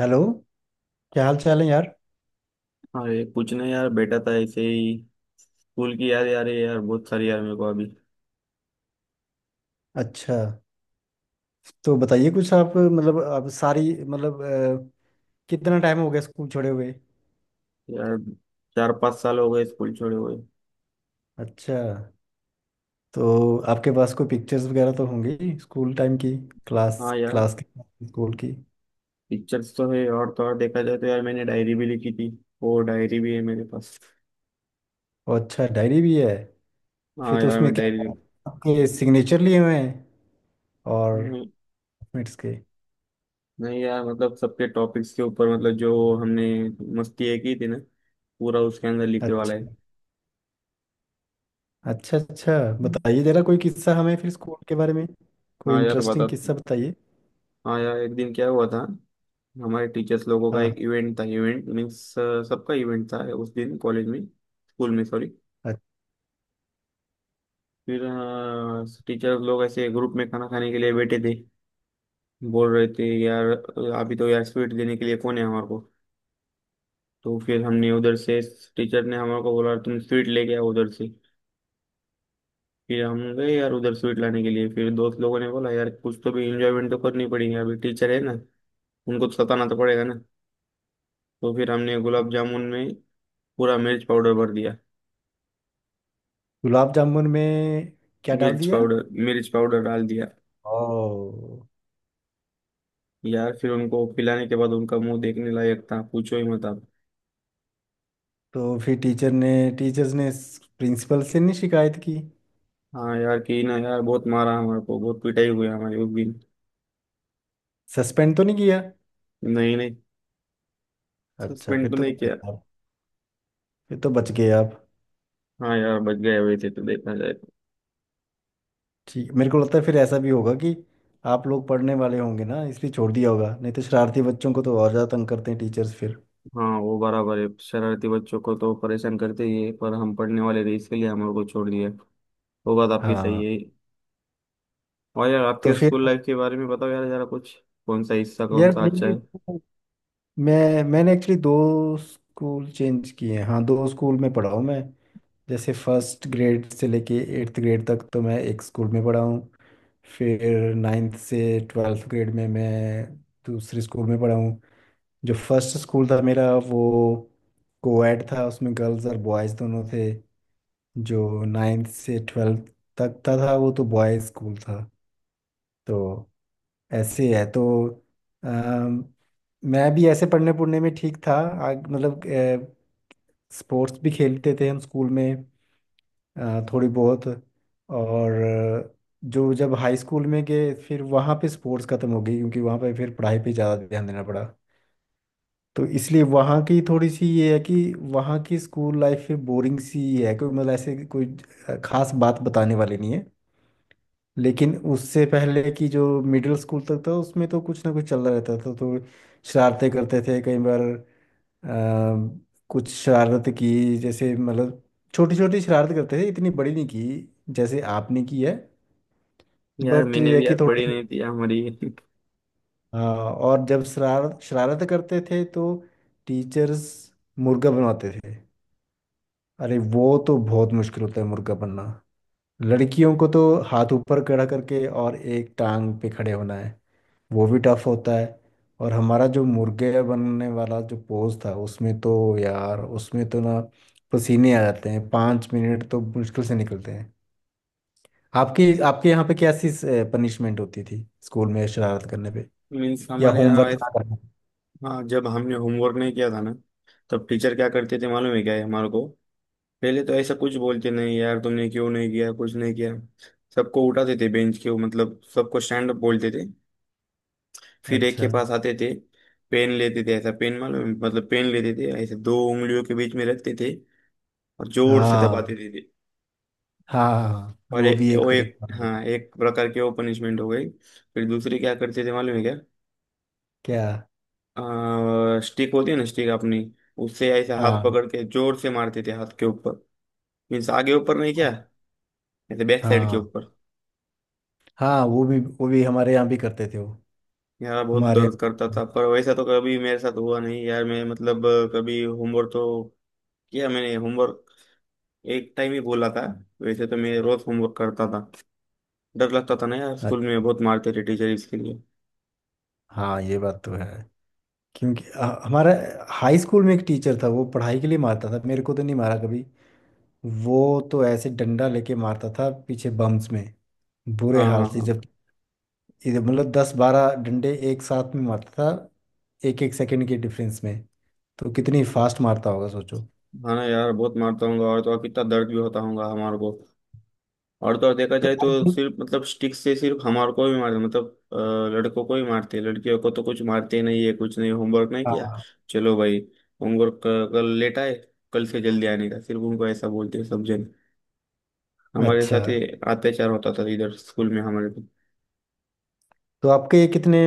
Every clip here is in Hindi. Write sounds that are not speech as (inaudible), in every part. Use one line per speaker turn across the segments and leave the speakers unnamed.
हेलो। क्या हाल चाल है यार।
अरे कुछ नहीं यार बैठा था ऐसे ही। स्कूल की याद यार है यार बहुत सारी यार मेरे को अभी।
अच्छा, तो बताइए कुछ। आप मतलब आप सारी मतलब कितना टाइम हो गया स्कूल छोड़े हुए।
यार चार पाँच साल हो गए स्कूल छोड़े हुए।
अच्छा, तो आपके पास कोई पिक्चर्स वगैरह तो होंगी स्कूल टाइम की, क्लास,
हाँ यार
क्लास की, स्कूल की।
पिक्चर्स तो है और तो और देखा जाए तो यार मैंने डायरी भी लिखी थी। वो डायरी भी है मेरे पास।
और अच्छा, डायरी भी है? फिर
हाँ
तो
यार
उसमें
मैं डायरी।
क्या आपके सिग्नेचर लिए हुए हैं और
नहीं
मिनट्स के?
नहीं यार मतलब सबके टॉपिक्स के ऊपर मतलब जो हमने मस्ती है की थी ना पूरा उसके अंदर लिखने वाला
अच्छा,
है।
अच्छा, अच्छा। बताइए जरा कोई किस्सा हमें फिर स्कूल के बारे में। कोई
हाँ यार बता
इंटरेस्टिंग
तो।
किस्सा बताइए।
हाँ यार एक दिन क्या हुआ था। हमारे टीचर्स लोगों का
हाँ।
एक इवेंट था, इवेंट मीन्स सबका इवेंट था उस दिन कॉलेज में, स्कूल में सॉरी।
हाँ,
फिर टीचर्स लोग ऐसे ग्रुप में खाना खाने के लिए बैठे थे, बोल रहे थे यार अभी तो यार स्वीट देने के लिए कौन है हमारे को। तो फिर हमने उधर से, टीचर ने हमारे को बोला तुम स्वीट लेके आओ उधर से। फिर हम गए यार उधर स्वीट लाने के लिए, फिर दोस्त लोगों ने बोला यार कुछ तो भी इंजॉयमेंट तो करनी पड़ेगी, अभी टीचर है ना उनको तो सताना तो पड़ेगा ना। तो फिर हमने गुलाब जामुन में पूरा मिर्च पाउडर भर दिया।
गुलाब जामुन में क्या डाल
मिर्च
दिया?
पाउडर, मिर्च पाउडर डाल दिया।
ओ।
यार फिर उनको पिलाने के बाद उनका मुंह देखने लायक था, पूछो ही मत आप।
तो फिर टीचर्स ने प्रिंसिपल से नहीं शिकायत की?
हाँ यार कि ना यार, बहुत मारा हमारे को, बहुत पिटाई हुई हमारी उस दिन।
सस्पेंड तो नहीं किया?
नहीं नहीं,
अच्छा,
सस्पेंड
फिर
तो
तो
नहीं
बच
किया।
गया, फिर तो बच गए आप।
हाँ यार बच गए हुए थे तो देखा जाए तो।
ठीक, मेरे को लगता है फिर ऐसा भी होगा कि आप लोग पढ़ने वाले होंगे ना, इसलिए छोड़ दिया होगा। नहीं तो शरारती बच्चों को तो और ज़्यादा तंग करते हैं टीचर्स फिर।
हाँ वो बराबर है, शरारती बच्चों को तो परेशान करते ही है पर हम पढ़ने वाले थे इसके लिए हमारे को छोड़ दिया, वो बात आपकी सही
हाँ।
है। और यार
तो
आपके
फिर
स्कूल लाइफ के बारे में बताओ यार जरा कुछ, कौन सा हिस्सा कौन
यार,
सा
मैं
अच्छा
भी
है।
मैं मैंने एक्चुअली दो स्कूल चेंज किए हैं। हाँ, दो स्कूल में पढ़ा हूँ मैं। जैसे फर्स्ट ग्रेड से लेके एट्थ ग्रेड तक तो मैं एक स्कूल में पढ़ा हूँ। फिर नाइन्थ से ट्वेल्थ ग्रेड में मैं दूसरे स्कूल में पढ़ा हूँ। जो फर्स्ट स्कूल था मेरा, वो कोएड था, उसमें गर्ल्स और बॉयज़ दोनों थे। जो नाइन्थ से ट्वेल्थ तक का था वो तो बॉयज़ स्कूल था। तो ऐसे है। तो अम, मैं भी ऐसे पढ़ने पढ़ने में ठीक था। मतलब स्पोर्ट्स भी खेलते थे हम स्कूल में थोड़ी बहुत। और जो जब हाई स्कूल में गए फिर वहाँ पे स्पोर्ट्स ख़त्म हो गई, क्योंकि वहाँ पे फिर पढ़ाई पे ज़्यादा ध्यान देना पड़ा। तो इसलिए वहाँ की थोड़ी सी ये है कि वहाँ की स्कूल लाइफ बोरिंग सी है। कोई मतलब ऐसे कोई खास बात बताने वाली नहीं है। लेकिन उससे पहले की जो मिडिल स्कूल तक था उसमें तो कुछ ना कुछ चल रहा रहता था। तो शरारतें करते थे कई बार। कुछ शरारत की जैसे मतलब, छोटी छोटी शरारत करते थे, इतनी बड़ी नहीं की जैसे आपने की है।
यार
बट
मैंने
ये है
भी
कि
यार
थोड़ा
पढ़ी
सा
नहीं थी यार हमारी (laughs)
हाँ, और जब शरारत शरारत करते थे तो टीचर्स मुर्गा बनवाते थे। अरे वो तो बहुत मुश्किल होता है मुर्गा बनना, लड़कियों को तो। हाथ ऊपर खड़ा करके और एक टांग पे खड़े होना है, वो भी टफ होता है। और हमारा जो मुर्गे बनने वाला जो पोज था उसमें तो यार, उसमें तो ना पसीने आ जाते हैं, पाँच मिनट तो मुश्किल से निकलते हैं। आपकी आपके यहाँ पे कैसी पनिशमेंट होती थी स्कूल में शरारत करने पे,
मीन्स
या
हमारे यहाँ,
होमवर्क ना करना।
हाँ जब हमने होमवर्क नहीं किया था ना तब टीचर क्या करते थे मालूम है क्या है हमारे को। पहले तो ऐसा कुछ बोलते नहीं यार, तुमने क्यों नहीं किया कुछ नहीं किया। सबको उठाते थे बेंच के, मतलब सबको स्टैंड अप बोलते थे। फिर एक के
अच्छा।
पास आते थे, पेन लेते थे। ऐसा पेन मालूम है? मतलब पेन लेते थे ऐसे दो उंगलियों के बीच में रखते थे और जोर से
हाँ,
दबाते थे।
हाँ
और
वो भी एक
वो एक
तरीका है।
हाँ एक प्रकार की वो पनिशमेंट हो गई। फिर दूसरी क्या करते थे मालूम है क्या।
क्या?
स्टिक होती है ना, स्टिक अपनी। उससे ऐसे हाथ
हाँ,
पकड़ के जोर से मारते थे हाथ के ऊपर। मीन्स आगे ऊपर नहीं क्या, ऐसे बैक साइड के
हाँ
ऊपर।
हाँ वो भी, वो भी हमारे यहाँ भी करते थे वो।
यार बहुत
हमारे,
दर्द करता था पर वैसा तो कभी मेरे साथ हुआ नहीं यार, मैं मतलब कभी होमवर्क तो किया मैंने होमवर्क। एक टाइम ही बोला था, वैसे तो मैं रोज होमवर्क करता था। डर लगता था ना यार, स्कूल में बहुत मारते थे टीचर इसके लिए।
हाँ ये बात तो है। क्योंकि हमारा हाई स्कूल में एक टीचर था, वो पढ़ाई के लिए मारता था। मेरे को तो नहीं मारा कभी वो, तो ऐसे डंडा लेके मारता था पीछे बम्स में, बुरे
हाँ हाँ
हाल से।
हाँ।
जब इधर मतलब दस बारह डंडे एक साथ में मारता था, एक एक सेकंड के डिफरेंस में। तो कितनी फास्ट मारता होगा सोचो।
हाँ ना यार, बहुत मारता हूँगा और तो और कितना दर्द भी होता होगा हमारे को। और तो और देखा
तो
जाए तो
आप,
सिर्फ मतलब स्टिक से सिर्फ हमारे को भी मारते मतलब अ, लड़कों को ही मारते हैं, लड़कियों को तो कुछ मारते ही नहीं है, कुछ नहीं होमवर्क नहीं किया
हाँ।
चलो भाई, होमवर्क कल लेट आए कल से जल्दी आने का, सिर्फ उनको ऐसा बोलते हैं सब जन। हमारे
अच्छा,
साथ ही अत्याचार होता था इधर स्कूल में हमारे को।
तो आपके कितने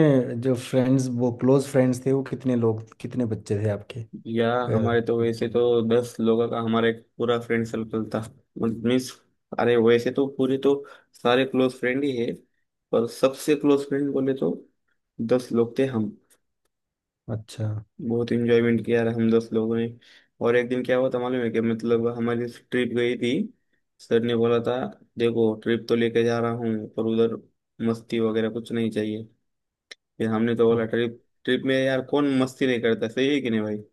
जो फ्रेंड्स, वो क्लोज फ्रेंड्स थे, वो कितने लोग, कितने बच्चे थे आपके?
या
अ,
हमारे तो वैसे तो दस लोगों का हमारा एक पूरा फ्रेंड सर्कल था, मीन्स अरे वैसे तो पूरे तो सारे क्लोज फ्रेंड ही है, पर सबसे क्लोज फ्रेंड बोले तो दस लोग थे हम।
अच्छा,
बहुत इंजॉयमेंट किया यार हम दस लोगों ने। और एक दिन क्या हुआ था मालूम है, कि मतलब हमारी ट्रिप गई थी। सर ने बोला था, देखो ट्रिप तो लेके जा रहा हूँ पर उधर मस्ती वगैरह कुछ नहीं चाहिए। फिर हमने तो बोला ट्रिप ट्रिप में यार कौन मस्ती नहीं करता, सही है कि नहीं भाई।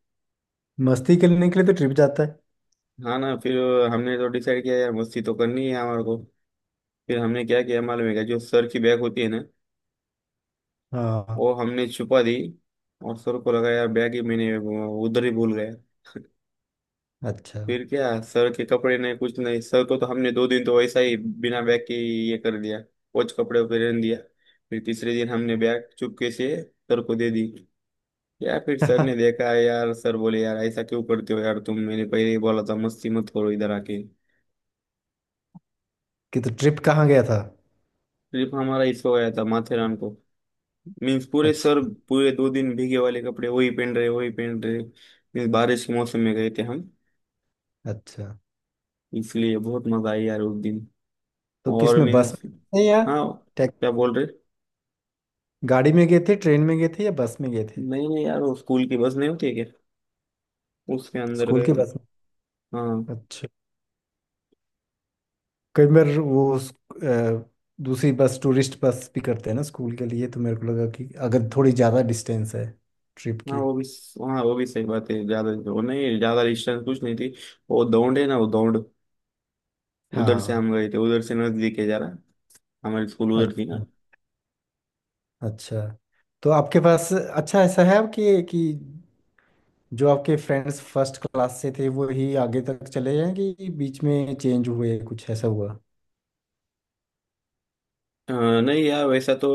मस्ती करने के लिए तो ट्रिप जाता है।
हाँ ना, फिर हमने तो डिसाइड किया यार मस्ती तो करनी है हमारे को। फिर हमने क्या किया मालूम है क्या, जो सर की बैग होती है ना
हाँ,
वो हमने छुपा दी। और सर को लगा यार बैग ही मैंने वो उधर ही भूल गया।
अच्छा।
फिर क्या सर के कपड़े नहीं कुछ नहीं, सर को तो हमने दो दिन तो वैसा ही बिना बैग के ही ये कर दिया, कोच कपड़े पहन दिया। फिर तीसरे दिन हमने बैग चुपके से सर को दे दी। या फिर सर ने
(laughs)
देखा यार, सर बोले यार ऐसा क्यों करते हो यार तुम, मैंने पहले ही बोला था मस्ती मत करो इधर आके।
कि तो ट्रिप कहाँ गया था?
सिर्फ हमारा इसको आया था माथेरान को। मीन्स पूरे सर
अच्छा,
पूरे दो दिन भीगे वाले कपड़े वही पहन रहे वही पहन रहे। मीन्स बारिश के मौसम में गए थे हम,
अच्छा।
इसलिए बहुत मजा आई यार उस दिन।
तो किस
और
में, बस
मीन्स,
में थे या
हाँ
टैक-
क्या बोल रहे।
गाड़ी में गए थे, ट्रेन में गए थे, या बस में गए थे?
नहीं नहीं यार वो स्कूल की बस नहीं होती है क्या, उसके अंदर
स्कूल
गए
की
थे।
बस
हाँ।
में, अच्छा। कई बार वो अ, दूसरी बस, टूरिस्ट बस भी करते हैं ना स्कूल के लिए, तो मेरे को लगा कि अगर थोड़ी ज़्यादा डिस्टेंस है ट्रिप
हाँ
की।
वो भी, हाँ वो भी सही बात है, ज्यादा वो नहीं, ज्यादा डिस्टेंस कुछ नहीं थी। वो दौड़ है ना वो दौड़। उधर से
हाँ,
हम गए थे, उधर से नजदीक है जरा, हमारी स्कूल उधर थी ना।
अच्छा, अच्छा। तो आपके पास अच्छा, ऐसा है कि जो आपके फ्रेंड्स फर्स्ट क्लास से थे वो ही आगे तक चले हैं, कि बीच में चेंज हुए, कुछ ऐसा हुआ?
अ, नहीं यार वैसा तो,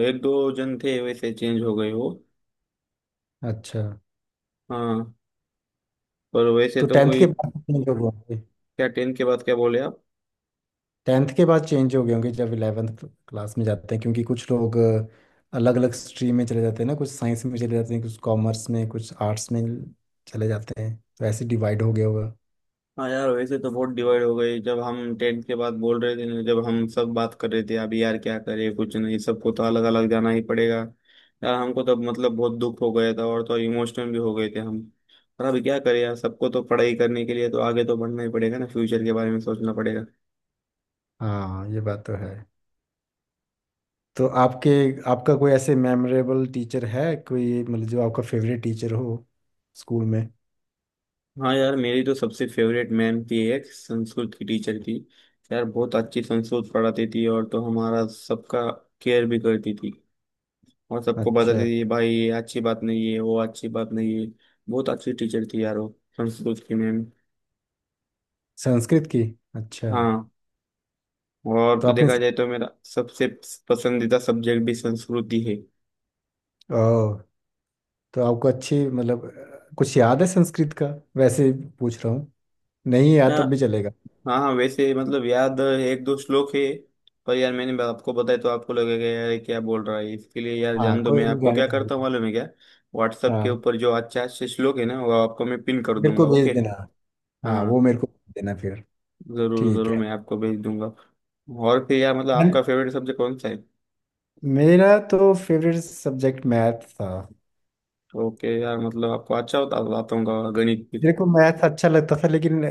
एक दो जन थे वैसे चेंज हो गए वो।
अच्छा,
हाँ पर वैसे
तो
तो
टेंथ
कोई।
के बाद चेंज हो गए होंगे।
क्या टेंथ के बाद क्या बोले आप।
टेंथ के बाद चेंज हो गए होंगे जब इलेवेंथ क्लास में जाते हैं, क्योंकि कुछ लोग अलग अलग स्ट्रीम में चले जाते हैं ना। कुछ साइंस में चले जाते हैं, कुछ कॉमर्स में, कुछ आर्ट्स में चले जाते हैं, तो ऐसे डिवाइड हो गया होगा।
हाँ यार वैसे तो बहुत डिवाइड हो गई जब हम टेंथ के बाद बोल रहे थे ना, जब हम सब बात कर रहे थे अभी यार क्या करें कुछ नहीं, सबको तो अलग अलग जाना ही पड़ेगा। यार हमको तब मतलब बहुत दुख हो गया था और तो इमोशनल भी हो गए थे हम। पर अभी क्या करें यार, सबको तो पढ़ाई करने के लिए तो आगे तो बढ़ना ही पड़ेगा ना, फ्यूचर के बारे में सोचना पड़ेगा।
हाँ ये बात तो है। तो आपके, आपका कोई ऐसे मेमोरेबल टीचर है कोई, मतलब जो आपका फेवरेट टीचर हो स्कूल में?
हाँ यार मेरी तो सबसे फेवरेट मैम थी, एक संस्कृत की टीचर थी। यार बहुत अच्छी संस्कृत पढ़ाती थी और तो हमारा सबका केयर भी करती थी, और सबको बताती
अच्छा,
थी भाई ये अच्छी बात नहीं है वो अच्छी बात नहीं है। बहुत अच्छी टीचर थी यार वो, संस्कृत की मैम।
संस्कृत की, अच्छा।
हाँ। और
तो
तो
आपने,
देखा जाए तो मेरा सबसे पसंदीदा सब्जेक्ट भी संस्कृत ही है।
ओह, तो आपको अच्छी मतलब कुछ याद है संस्कृत का? वैसे ही पूछ रहा हूँ, नहीं याद
हाँ
तब भी चलेगा।
हाँ हाँ, वैसे मतलब याद एक दो श्लोक है। पर यार मैंने आपको बताया तो आपको लगेगा यार ये क्या बोल रहा है इसके लिए यार,
हाँ।
जान दो,
कोई
मैं
नहीं
आपको
गाने
क्या
का।
करता हूँ मालूम है क्या। व्हाट्सएप के
हाँ,
ऊपर जो अच्छा अच्छे श्लोक है ना वो आपको मैं पिन कर
मेरे
दूंगा
को
ओके।
भेज देना। हाँ वो
हाँ
मेरे को भेज देना फिर।
जरूर
ठीक
जरूर
है।
मैं आपको भेज दूंगा। और फिर यार मतलब
And
आपका फेवरेट सब्जेक्ट कौन सा है।
मेरा तो फेवरेट सब्जेक्ट मैथ था।
ओके यार मतलब आपको अच्छा होता आता होगा गणित भी।
मेरे को मैथ अच्छा लगता था, लेकिन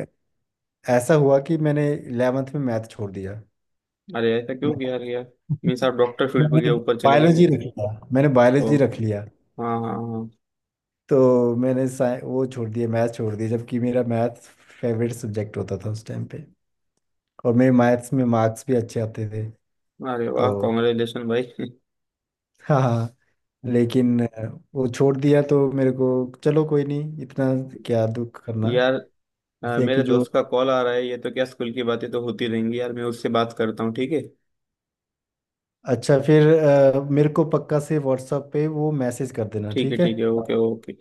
ऐसा हुआ कि मैंने इलेवेंथ में मैथ छोड़ दिया।
अरे ऐसा क्यों
मैं-
किया अरे यार। मीन्स आप
(laughs)
डॉक्टर फील्ड पे के
मैंने
ऊपर चले गए क्या?
बायोलॉजी रख लिया, मैंने
ओ
बायोलॉजी रख लिया।
हाँ हाँ
तो मैंने वो छोड़ दिया, मैथ छोड़ दिया, जबकि मेरा मैथ फेवरेट सब्जेक्ट होता था उस टाइम पे। और मेरे मैथ्स में मार्क्स भी अच्छे आते थे।
हाँ। अरे वाह
तो
कॉन्ग्रेचुलेशन भाई
हाँ, हाँ।
(laughs)
लेकिन वो छोड़ दिया तो मेरे को, चलो कोई नहीं, इतना क्या दुख करना।
यार
ऐसे है
मेरे
कि जो
दोस्त का कॉल आ रहा है, ये तो क्या स्कूल की बातें तो होती रहेंगी यार, मैं उससे बात करता हूँ ठीक है।
अच्छा, फिर मेरे को पक्का से व्हाट्सएप पे वो मैसेज कर देना,
ठीक है
ठीक
ठीक है ओके
है।
ओके।